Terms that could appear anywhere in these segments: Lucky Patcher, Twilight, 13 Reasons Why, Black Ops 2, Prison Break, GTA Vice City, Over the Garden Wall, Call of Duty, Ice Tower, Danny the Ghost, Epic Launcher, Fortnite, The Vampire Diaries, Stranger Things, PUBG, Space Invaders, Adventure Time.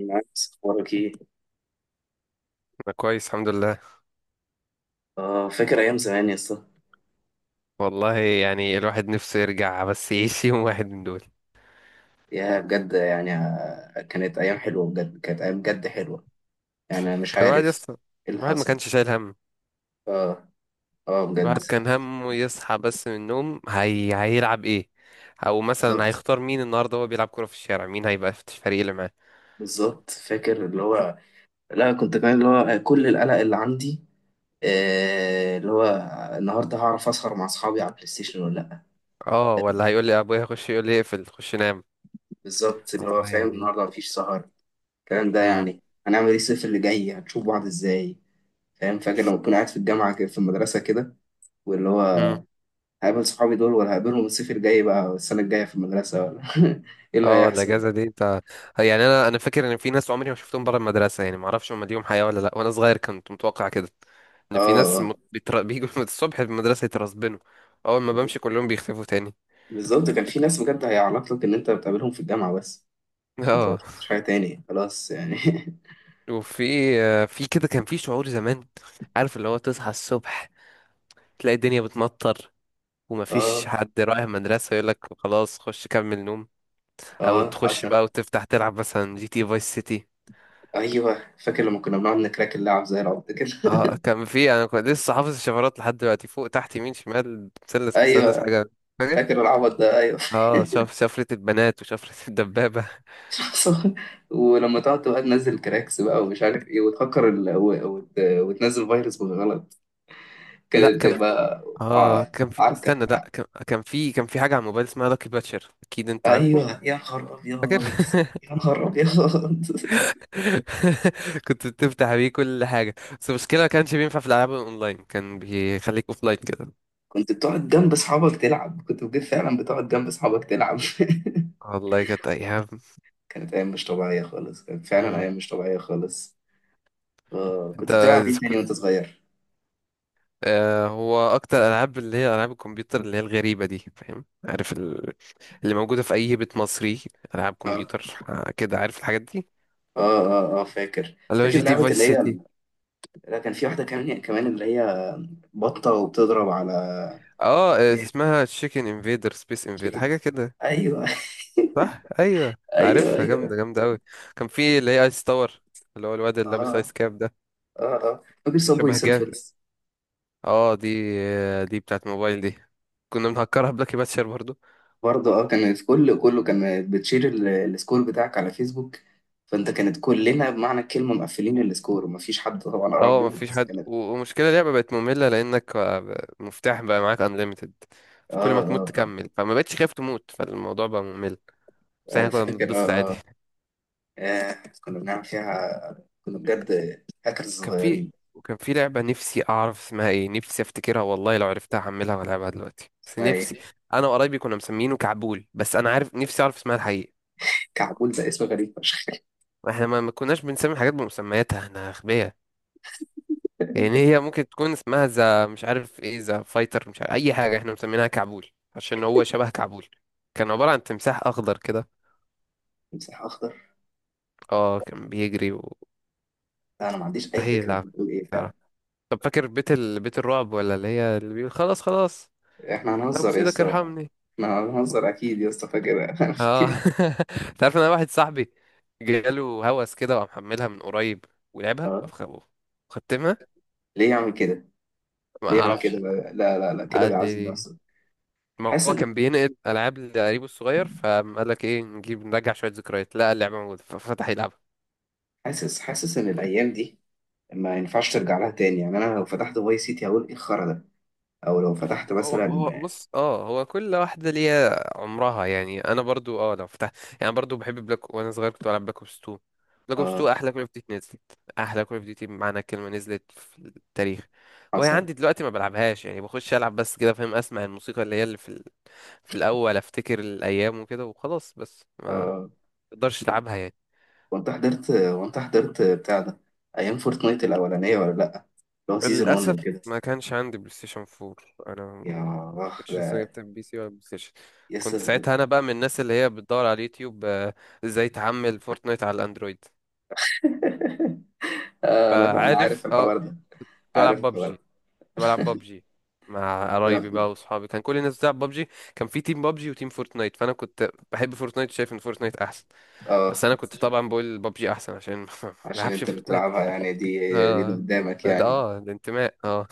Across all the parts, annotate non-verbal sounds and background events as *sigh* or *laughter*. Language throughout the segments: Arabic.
نايس، اخبارك ايه؟ انا كويس، الحمد لله. اه، فاكر ايام زمان يا اسطى. والله يعني الواحد نفسه يرجع، بس يعيش يوم واحد من دول. يا بجد يعني كانت ايام حلوه بجد، كانت ايام بجد حلوه. يعني أنا مش كان الواحد عارف يصحى، ايه اللي الواحد ما حصل. كانش شايل هم. اه، اه بجد. الواحد كان همه يصحى بس من النوم، هيلعب ايه، او مثلا بالظبط هيختار مين النهارده هو بيلعب كوره في الشارع، مين هيبقى في الفريق اللي معاه. بالظبط، فاكر اللي هو. لا، كنت كمان اللي هو كل القلق اللي عندي. آه، اللي هو النهارده هعرف اسهر مع اصحابي على البلاي ستيشن ولا لا. اه، ولا هيقول لي ابويا خش، يقول لي اقفل خش نام. بالظبط، اللي هو والله فاهم يعني. النهارده مفيش سهر. الكلام ده امم، يعني هنعمل ايه الصيف اللي جاي؟ هنشوف بعض ازاي؟ فاهم، فاكر لما كنا قاعد في الجامعه كده، في المدرسه كده. واللي هو امم. هقابل صحابي دول ولا هقابلهم الصيف الجاي بقى، السنة الجاية في المدرسة ولا. *laughs* ايه اللي اه، هيحصل؟ الاجازه دي انت، يعني انا فاكر ان في ناس عمري ما شفتهم بره المدرسه، يعني ما اعرفش هم ليهم حياه ولا لا، وانا صغير كنت متوقع كده، ان اه، في ناس اه بيجوا *laughs* من الصبح المدرسه يترسبنوا. اول ما بمشي كلهم بيختفوا تاني. بالظبط. كان في ناس بجد هيعرف لك ان انت بتقابلهم في الجامعة بس. *laughs* اه. مش حاجة تاني خلاص يعني. *laughs* وفي آه، في كده كان في شعور زمان، عارف اللي هو، تصحى الصبح تلاقي الدنيا بتمطر ومفيش اه، حد رايح المدرسه، يقول لك خلاص خش كمل نوم، او اه تخش حصل. بقى وتفتح تلعب مثلا جي تي فايس سيتي. ايوه فاكر لما كنا بنقعد نكراك اللعب زي العبط كده. اه، *laughs* كان في، انا كنت لسه حافظ الشفرات لحد دلوقتي، فوق تحت يمين شمال مثلث مثلث ايوه حاجه. فاكر. فاكر العبط ده، ايوه. اه، شفره البنات وشفره *laughs* الدبابه. *laughs* حصل. ولما تقعد تبقى تنزل كراكس بقى ومش عارف ايه، وتفكر وتنزل فيروس بالغلط. لا كانت كان في. بتبقى اه ع- كان في. عركة. استنى، لا، كان في حاجه على الموبايل اسمها لاكي باتشر، اكيد انت عارفه. ايوه يا نهار فاكر. ابيض، *laughs* يا نهار ابيض. *laughs* كنت بتفتح بيه كل حاجه، بس المشكله ما كانش بينفع في الالعاب الاونلاين، كان بيخليك اوفلاين كده. كنت بتقعد جنب اصحابك تلعب، كنت بجد فعلا بتقعد جنب اصحابك تلعب. والله كانت ايام. *laughs* كانت ايام مش طبيعيه خالص، كانت فعلا مم. ايام مش طبيعيه خالص. آه، انت، كنت بتلعب ايه تاني وانت صغير؟ هو اكتر العاب اللي هي العاب الكمبيوتر اللي هي الغريبه دي فاهم، عارف اللي موجوده في اي بيت مصري. العاب اه، كمبيوتر، كده عارف الحاجات دي. اه، فاكر اللي هو فاكر جي تي لعبه فايس اللي هي. سيتي. لا، كان في واحده كمان كمان اللي هي بطه وبتضرب على اه، اسمها تشيكن انفيدر، سبيس انفيدر، شكل. حاجه كده. ايوه. صح، ايوه *laughs* ايوه، عارفها، ايوه، جامده جامده قوي. كان في اللي هي ايس تاور، اللي هو الواد اللي لابس اه، ايس كاب ده. اه، اه فاكر اللي صابوي شبه جاز. سيرفرز. اه دي، دي بتاعت موبايل دي، كنا بنهكرها بلاكي باتشر برضو. برضه اه، كانت كله كان بتشير السكور بتاعك على فيسبوك. فانت كانت كلنا بمعنى الكلمه مقفلين السكور، ومفيش حد طبعا قرب اه منهم مفيش بس حد. كانت. و- ومشكلة اللعبة بقت مملة، مفتاح بقى معاك unlimited، فكل اه، ما تموت اه، تكمل، فما بقتش خايف تموت، فالموضوع بقى ممل. بس اه آه، احنا كنا فاكر بنتبسط عادي. اه, آه كنا بنعمل فيها، كنا بجد هاكرز كان في. صغيرين. وكان في لعبة نفسي أعرف اسمها ايه، نفسي أفتكرها، والله لو عرفتها هحملها وألعبها دلوقتي، بس اسمها نفسي. ايه؟ أنا وقرايبي كنا مسمينه كعبول، بس أنا عارف، نفسي أعرف اسمها الحقيقي. كعبول ده اسم غريب فشخ. احنا ما كناش بنسمي حاجات بمسمياتها، احنا أغبياء. يعني هي ممكن تكون اسمها ذا مش عارف ايه، ذا فايتر مش عارف اي حاجه، احنا مسمينها كعبول، عشان هو شبه كعبول. كان عباره عن تمساح اخضر كده. تمساح اخضر. اه كان بيجري لا انا ما عنديش اي ومستحيل فكره انت يلعب بتقول ايه فعلا. يعرف. طب فاكر بيت الرعب ولا اللي هي اللي بيقول خلاص خلاص، احنا هنهزر ابوس يا ايدك اسطى، ارحمني. احنا هنهزر اكيد يا اسطى. فاكر؟ *laughs* انا اه. فاكر. *laughs* انت عارف إن انا واحد صاحبي جاله هوس كده، وقام محملها من قريب ولعبها اه. وختمها. ليه يعمل كده؟ ما ليه يعمل كده؟ اعرفش. لا، لا لا كده قال بيعذب لي نفسه. ما حاسس، هو كان بينقل العاب لقريبه الصغير، فقال لك ايه، نجيب نرجع شويه ذكريات، لا اللعبه موجوده، ففتح يلعبها. حاسس ان الايام دي ما ينفعش ترجع لها تاني. يعني انا لو فتحت فاي سيتي هقول ايه الخرا ده؟ او لو فتحت هو مثلا. هو بص، اه هو كل واحده ليها عمرها، يعني انا برضو، اه لو فتحت، يعني برضو بحب بلاك، وانا صغير كنت بلعب بلاك اوبس 2. بلاك اوبس 2 اه احلى كول اوف ديوتي نزلت. احلى كول اوف ديوتي بمعنى الكلمه نزلت في التاريخ. وهي حصل. عندي دلوقتي ما بلعبهاش، يعني بخش العب بس كده فاهم، اسمع الموسيقى اللي هي اللي في في الاول، افتكر الايام وكده وخلاص، بس ما اه، اقدرش العبها يعني. وانت حضرت، بتاع ده، ايام فورتنايت الاولانيه ولا لا، اللي هو سيزون للأسف 1 وكده. ما كانش عندي بلاي ستيشن 4. أنا ما يا اخ كنتش لسه ده. جبت بي سي ولا بلاي ستيشن. يس. كنت ساعتها أنا بقى من الناس اللي هي بتدور على اليوتيوب، إزاي تعمل فورتنايت على الأندرويد. آه انا فعارف عارف أه الحوار ده، عارف بلعب بابجي الحوار. كنت بلعب بابجي مع ده قرايبي ده- بقى وأصحابي، كان كل الناس بتلعب بابجي. كان في تيم بابجي وتيم فورتنايت، فأنا كنت بحب فورتنايت، شايف إن فورتنايت أحسن، اه، بس أنا كنت طبعا بقول بابجي أحسن عشان *laughs* ما عشان بلعبش انت اللي فورتنايت. بتلعبها يعني، دي دي اللي أه، قدامك يعني. *laughs* الانتماء أه.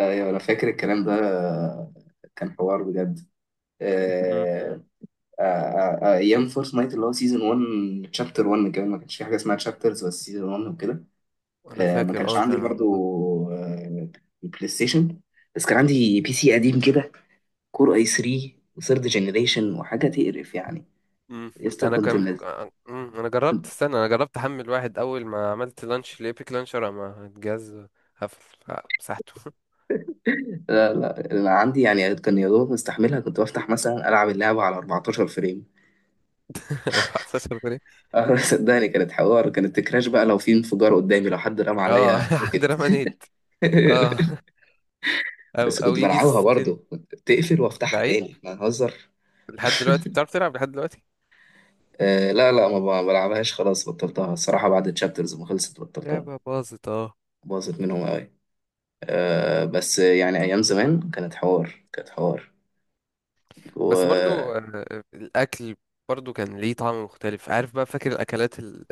ايوه انا فاكر الكلام ده. كان حوار بجد. مم. آه، آه، آه، آه، ايام فورس نايت اللي هو سيزون 1 تشابتر 1 كمان. ما كانش في حاجه اسمها تشابترز، بس سيزون 1 وكده. أنا آه، ما فاكر كانش أه عندي كان. برضو آه، بلاي ستيشن. بس كان عندي بي سي قديم كده، كور اي 3 وثيرد جنريشن وحاجه تقرف يعني. امم لسه انا كنت كان منزل. انا جربت استنى انا جربت احمل واحد، اول ما عملت لانش لإيبك لانشر اما الجهاز قفل، مسحته. *laughs* لا لا انا عندي يعني كان يا دوب مستحملها. كنت بفتح مثلا العب اللعبه على 14 فريم. *laughs* 14 جنيه. *laughs* صدقني كانت حوار، كانت تكراش بقى لو في انفجار قدامي، لو حد رمى اه، *laughs* عليا حد روكت. رمانيت. اه، *laughs* او بس او كنت يجي بلعبها سكن. برضه، كنت بتقفل كنت وافتحها لعيب، تاني، ما نهزر. لحد دلوقتي بتعرف تلعب لحد دلوقتي. آه لا لا ما ب- بلعبهاش خلاص، بطلتها الصراحة، بعد الشابترز ما خلصت بطلتها. لعبة باظت اه. باظت منهم قوي. آه بس يعني أيام زمان كانت حوار، كانت حوار. بس برضو، وأكلات الأكل برضو كان ليه طعم مختلف عارف، بقى فاكر الأكلات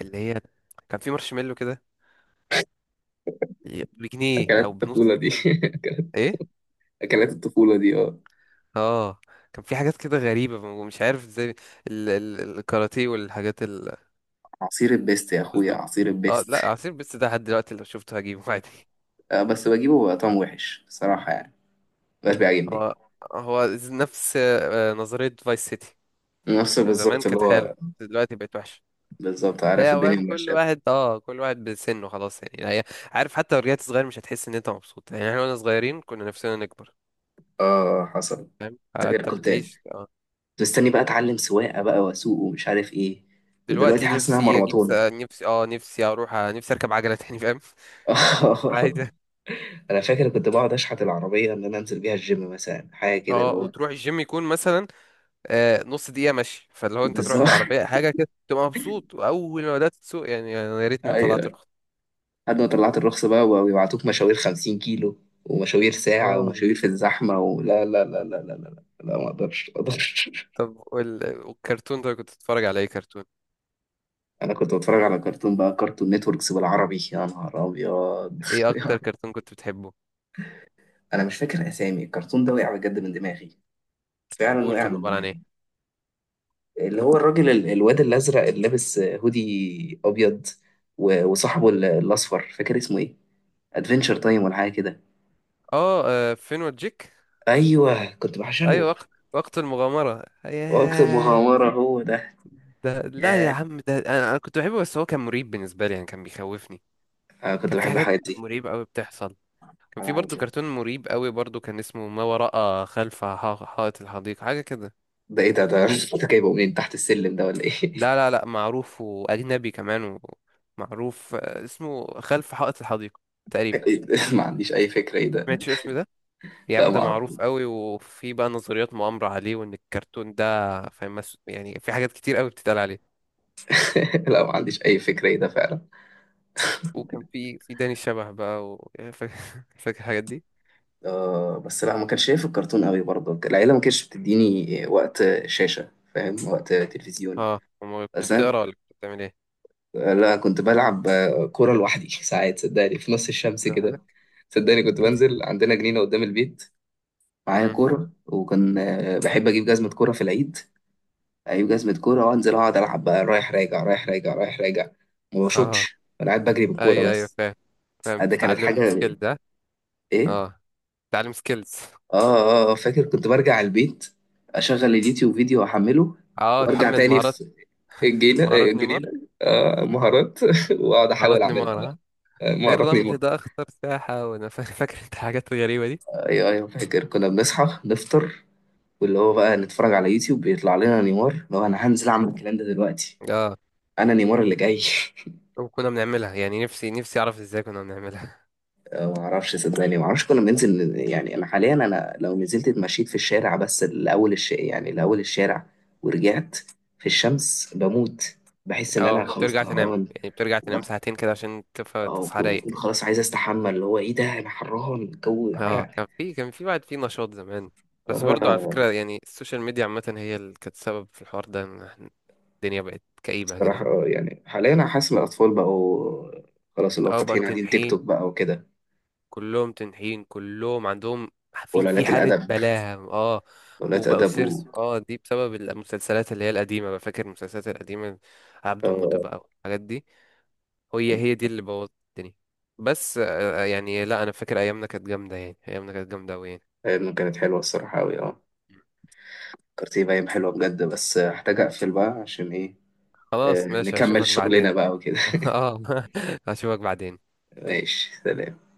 اللي هي، كان في مارشميلو كده بجنيه أو بنص الطفولة دي. جنيه. إيه؟ *laughs* أكلات الطفولة دي اه. اه، كان في حاجات كده غريبة ومش عارف ازاي. الكاراتيه والحاجات. عصير البيست يا أخويا، البوزو. عصير اه البيست. لا، عصير بس ده لحد دلوقتي لو شفته هجيبه *laughs* عادي. آه بس بجيبه بقى طعم وحش صراحة يعني، مبقاش بيعجبني. هو هو نفس نظرية فايس سيتي، نفس انه زمان بالظبط اللي كانت حلوة هو، بس دلوقتي بقت وحشة. بالظبط عارف هي الدنيا فاهم، ماشية. كل واحد بسنه خلاص يعني هي، عارف حتى لو رجعت صغير مش هتحس ان انت مبسوط، يعني احنا واحنا صغيرين كنا نفسنا نكبر، اه حصل. فاهم، فاكر انت كنت، بتعيش. اه. كنت مستني بقى اتعلم سواقه بقى واسوق ومش عارف ايه، ودلوقتي دلوقتي حاسس انها نفسي اجيب س- مرمطاني. نفسي اه نفسي اروح آه، نفسي اركب عجلة تاني فاهم. *laughs* عايز. *laughs* انا فاكر كنت بقعد اشحت العربيه ان انا انزل بيها الجيم مثلا، حاجه كده اللي اه، هو. وتروح الجيم يكون مثلا نص دقيقه مشي، فاللي هو انت تروح بالظبط. بالعربيه حاجه كده تبقى مبسوط، واول ما بدات تسوق يعني أنا يا *laughs* ريتني ما طلعت ايوه. رخصه. لحد ما طلعت الرخصه بقى، ويبعتوك مشاوير 50 كيلو، ومشاوير ساعه، اه، ومشاوير في الزحمه. ولا لا لا لا لا لا لا. لا ما اقدرش، ما اقدرش. طب وال- والكرتون ده كنت بتتفرج على ايه كرتون؟ *laughs* انا كنت بتفرج على كرتون بقى، كرتون نتوركس بالعربي، يا نهار ابيض. ايه *laughs* اكتر كرتون كنت بتحبه؟ انا مش فاكر اسامي الكرتون ده، وقع بجد من دماغي، فعلا قول وقع كان من عباره عن دماغي. ايه؟ اللي هو الراجل الواد الازرق اللي لابس هودي ابيض، وصاحبه الاصفر. فاكر اسمه ايه؟ ادفنتشر تايم ولا حاجه كده. اه، فين وجيك. ايوه كنت ايوه بعشقه. وقت، وقت المغامره، وقت ياه. مغامره هو ده. ده لا يا ياه. عم، ده انا كنت بحبه، بس هو كان مريب بالنسبه لي يعني كان بيخوفني. آه كنت كان في بحب حاجات الحاجات دي. مريبه قوي بتحصل. كان انا في عارف برضو يعني. كرتون مريب قوي برضو، كان اسمه ما وراء خلف حائط الحديقة، حاجة كده. ده ايه ده *laughs* انت جايبه منين؟ تحت السلم ده ولا ايه؟ لا لا لا، معروف وأجنبي كمان. ومعروف، اسمه خلف حائط الحديقة *laughs* تقريبا. إيه ده؟ ما عنديش اي فكره ايه ده. سمعتش الاسم ده؟ يا لا عم ما ده اعرف. معروف قوي، وفي بقى نظريات مؤامرة عليه وإن الكرتون ده فاهم، يعني في حاجات كتير قوي بتتقال عليه. *laughs* لا ما عنديش اي فكره ايه ده فعلا. وكان في داني الشبح بقى *laughs* فاكر، فاكر الحاجات دي؟ آه بس لا، ما كانش شايف الكرتون قوي برضه، العيله ما كانتش بتديني وقت شاشه، فاهم، وقت تلفزيون. اه، أما كنت بس انا بتقرا ولا كنت بتعمل ايه؟ لا، كنت بلعب كورة لوحدي ساعات، صدقني، في نص الشمس كده. لوحدك؟ صدقني كنت ايه ده. بنزل عندنا جنينة قدام البيت، معايا امم. كورة، وكان بحب أجيب جزمة كورة في العيد. أجيب جزمة كورة وأنزل أقعد ألعب بقى، رايح راجع رايح راجع رايح راجع. ما اه، بشوطش، أنا قاعد بجري بالكورة ايوه، ايوه بس. فاهم، فاهم آه، ده كانت تتعلم حاجة. سكيل. إيه؟ اه، تعليم سكيلز. آه، آه آه، فاكر كنت برجع البيت، أشغل اليوتيوب، فيديو أحمله، اه، وأرجع تحمل تاني مهارات. في الجنينة، مهارات نيمار. الجنينة. آه، مهارات. *laughs* وأقعد أحاول مهارات أعملها نيمار، بقى. ها. آه، ايه مهارات. الرمل ده اخطر ساحة وانا *laughs* فاكر انت الحاجات الغريبة دي. ايوه، ايوه فاكر كنا بنصحى نفطر، واللي هو بقى نتفرج على يوتيوب بيطلع لنا نيمار. لو انا هنزل اعمل الكلام ده دلوقتي، اه انا نيمار اللي جاي. *laughs* وكنا بنعملها يعني، نفسي اعرف ازاي كنا بنعملها. آه، ما اعرفش صدقني، ما اعرفش. كنا بننزل يعني، انا حاليا لو نزلت اتمشيت في الشارع، بس لاول الش يعني لاول الشارع ورجعت، في الشمس بموت، بحس *laughs* ان انا اه، خلاص وترجع تنام طهقان. يعني، بترجع و- تنام ساعتين كده عشان اه تصحى رايق وبكون كده. خلاص عايز استحمى، اللي هو ايه ده انا حران، جو اه، عرق. كان في بعد، في نشاط زمان. بس برضو على آه فكرة يعني، السوشيال ميديا عامة هي اللي كانت سبب في الحوار ده، إن الدنيا بقت كئيبة كده. صراحة، يعني حاليا أنا حاسس إن الأطفال بقوا خلاص، اللي هو اه بقى فاتحين قاعدين تيك تنحي، توك بقى وكده، كلهم تنحين، كلهم عندهم، في وقلالات حالة الأدب، بلاهة اه، قلالات وبقوا أدب. و سيرس. اه دي بسبب المسلسلات اللي هي القديمة بقى، فاكر المسلسلات القديمة؟ عبده موتة آه، بقى والحاجات دي، هي هي دي اللي بوظت الدنيا. بس، يعني لا انا فاكر ايامنا كانت جامدة يعني، ايامنا كانت جامدة اوي يعني. إنه كانت حلوة الصراحة أوي، أه. فكرتي بقى حلوة بجد، بس هحتاج أقفل بقى، عشان إيه، آه، خلاص ماشي، نكمل هشوفك بعدين. شغلنا بقى وكده. *laughs* اه. *laughs* هشوفك بعدين. *laughs* ماشي سلام.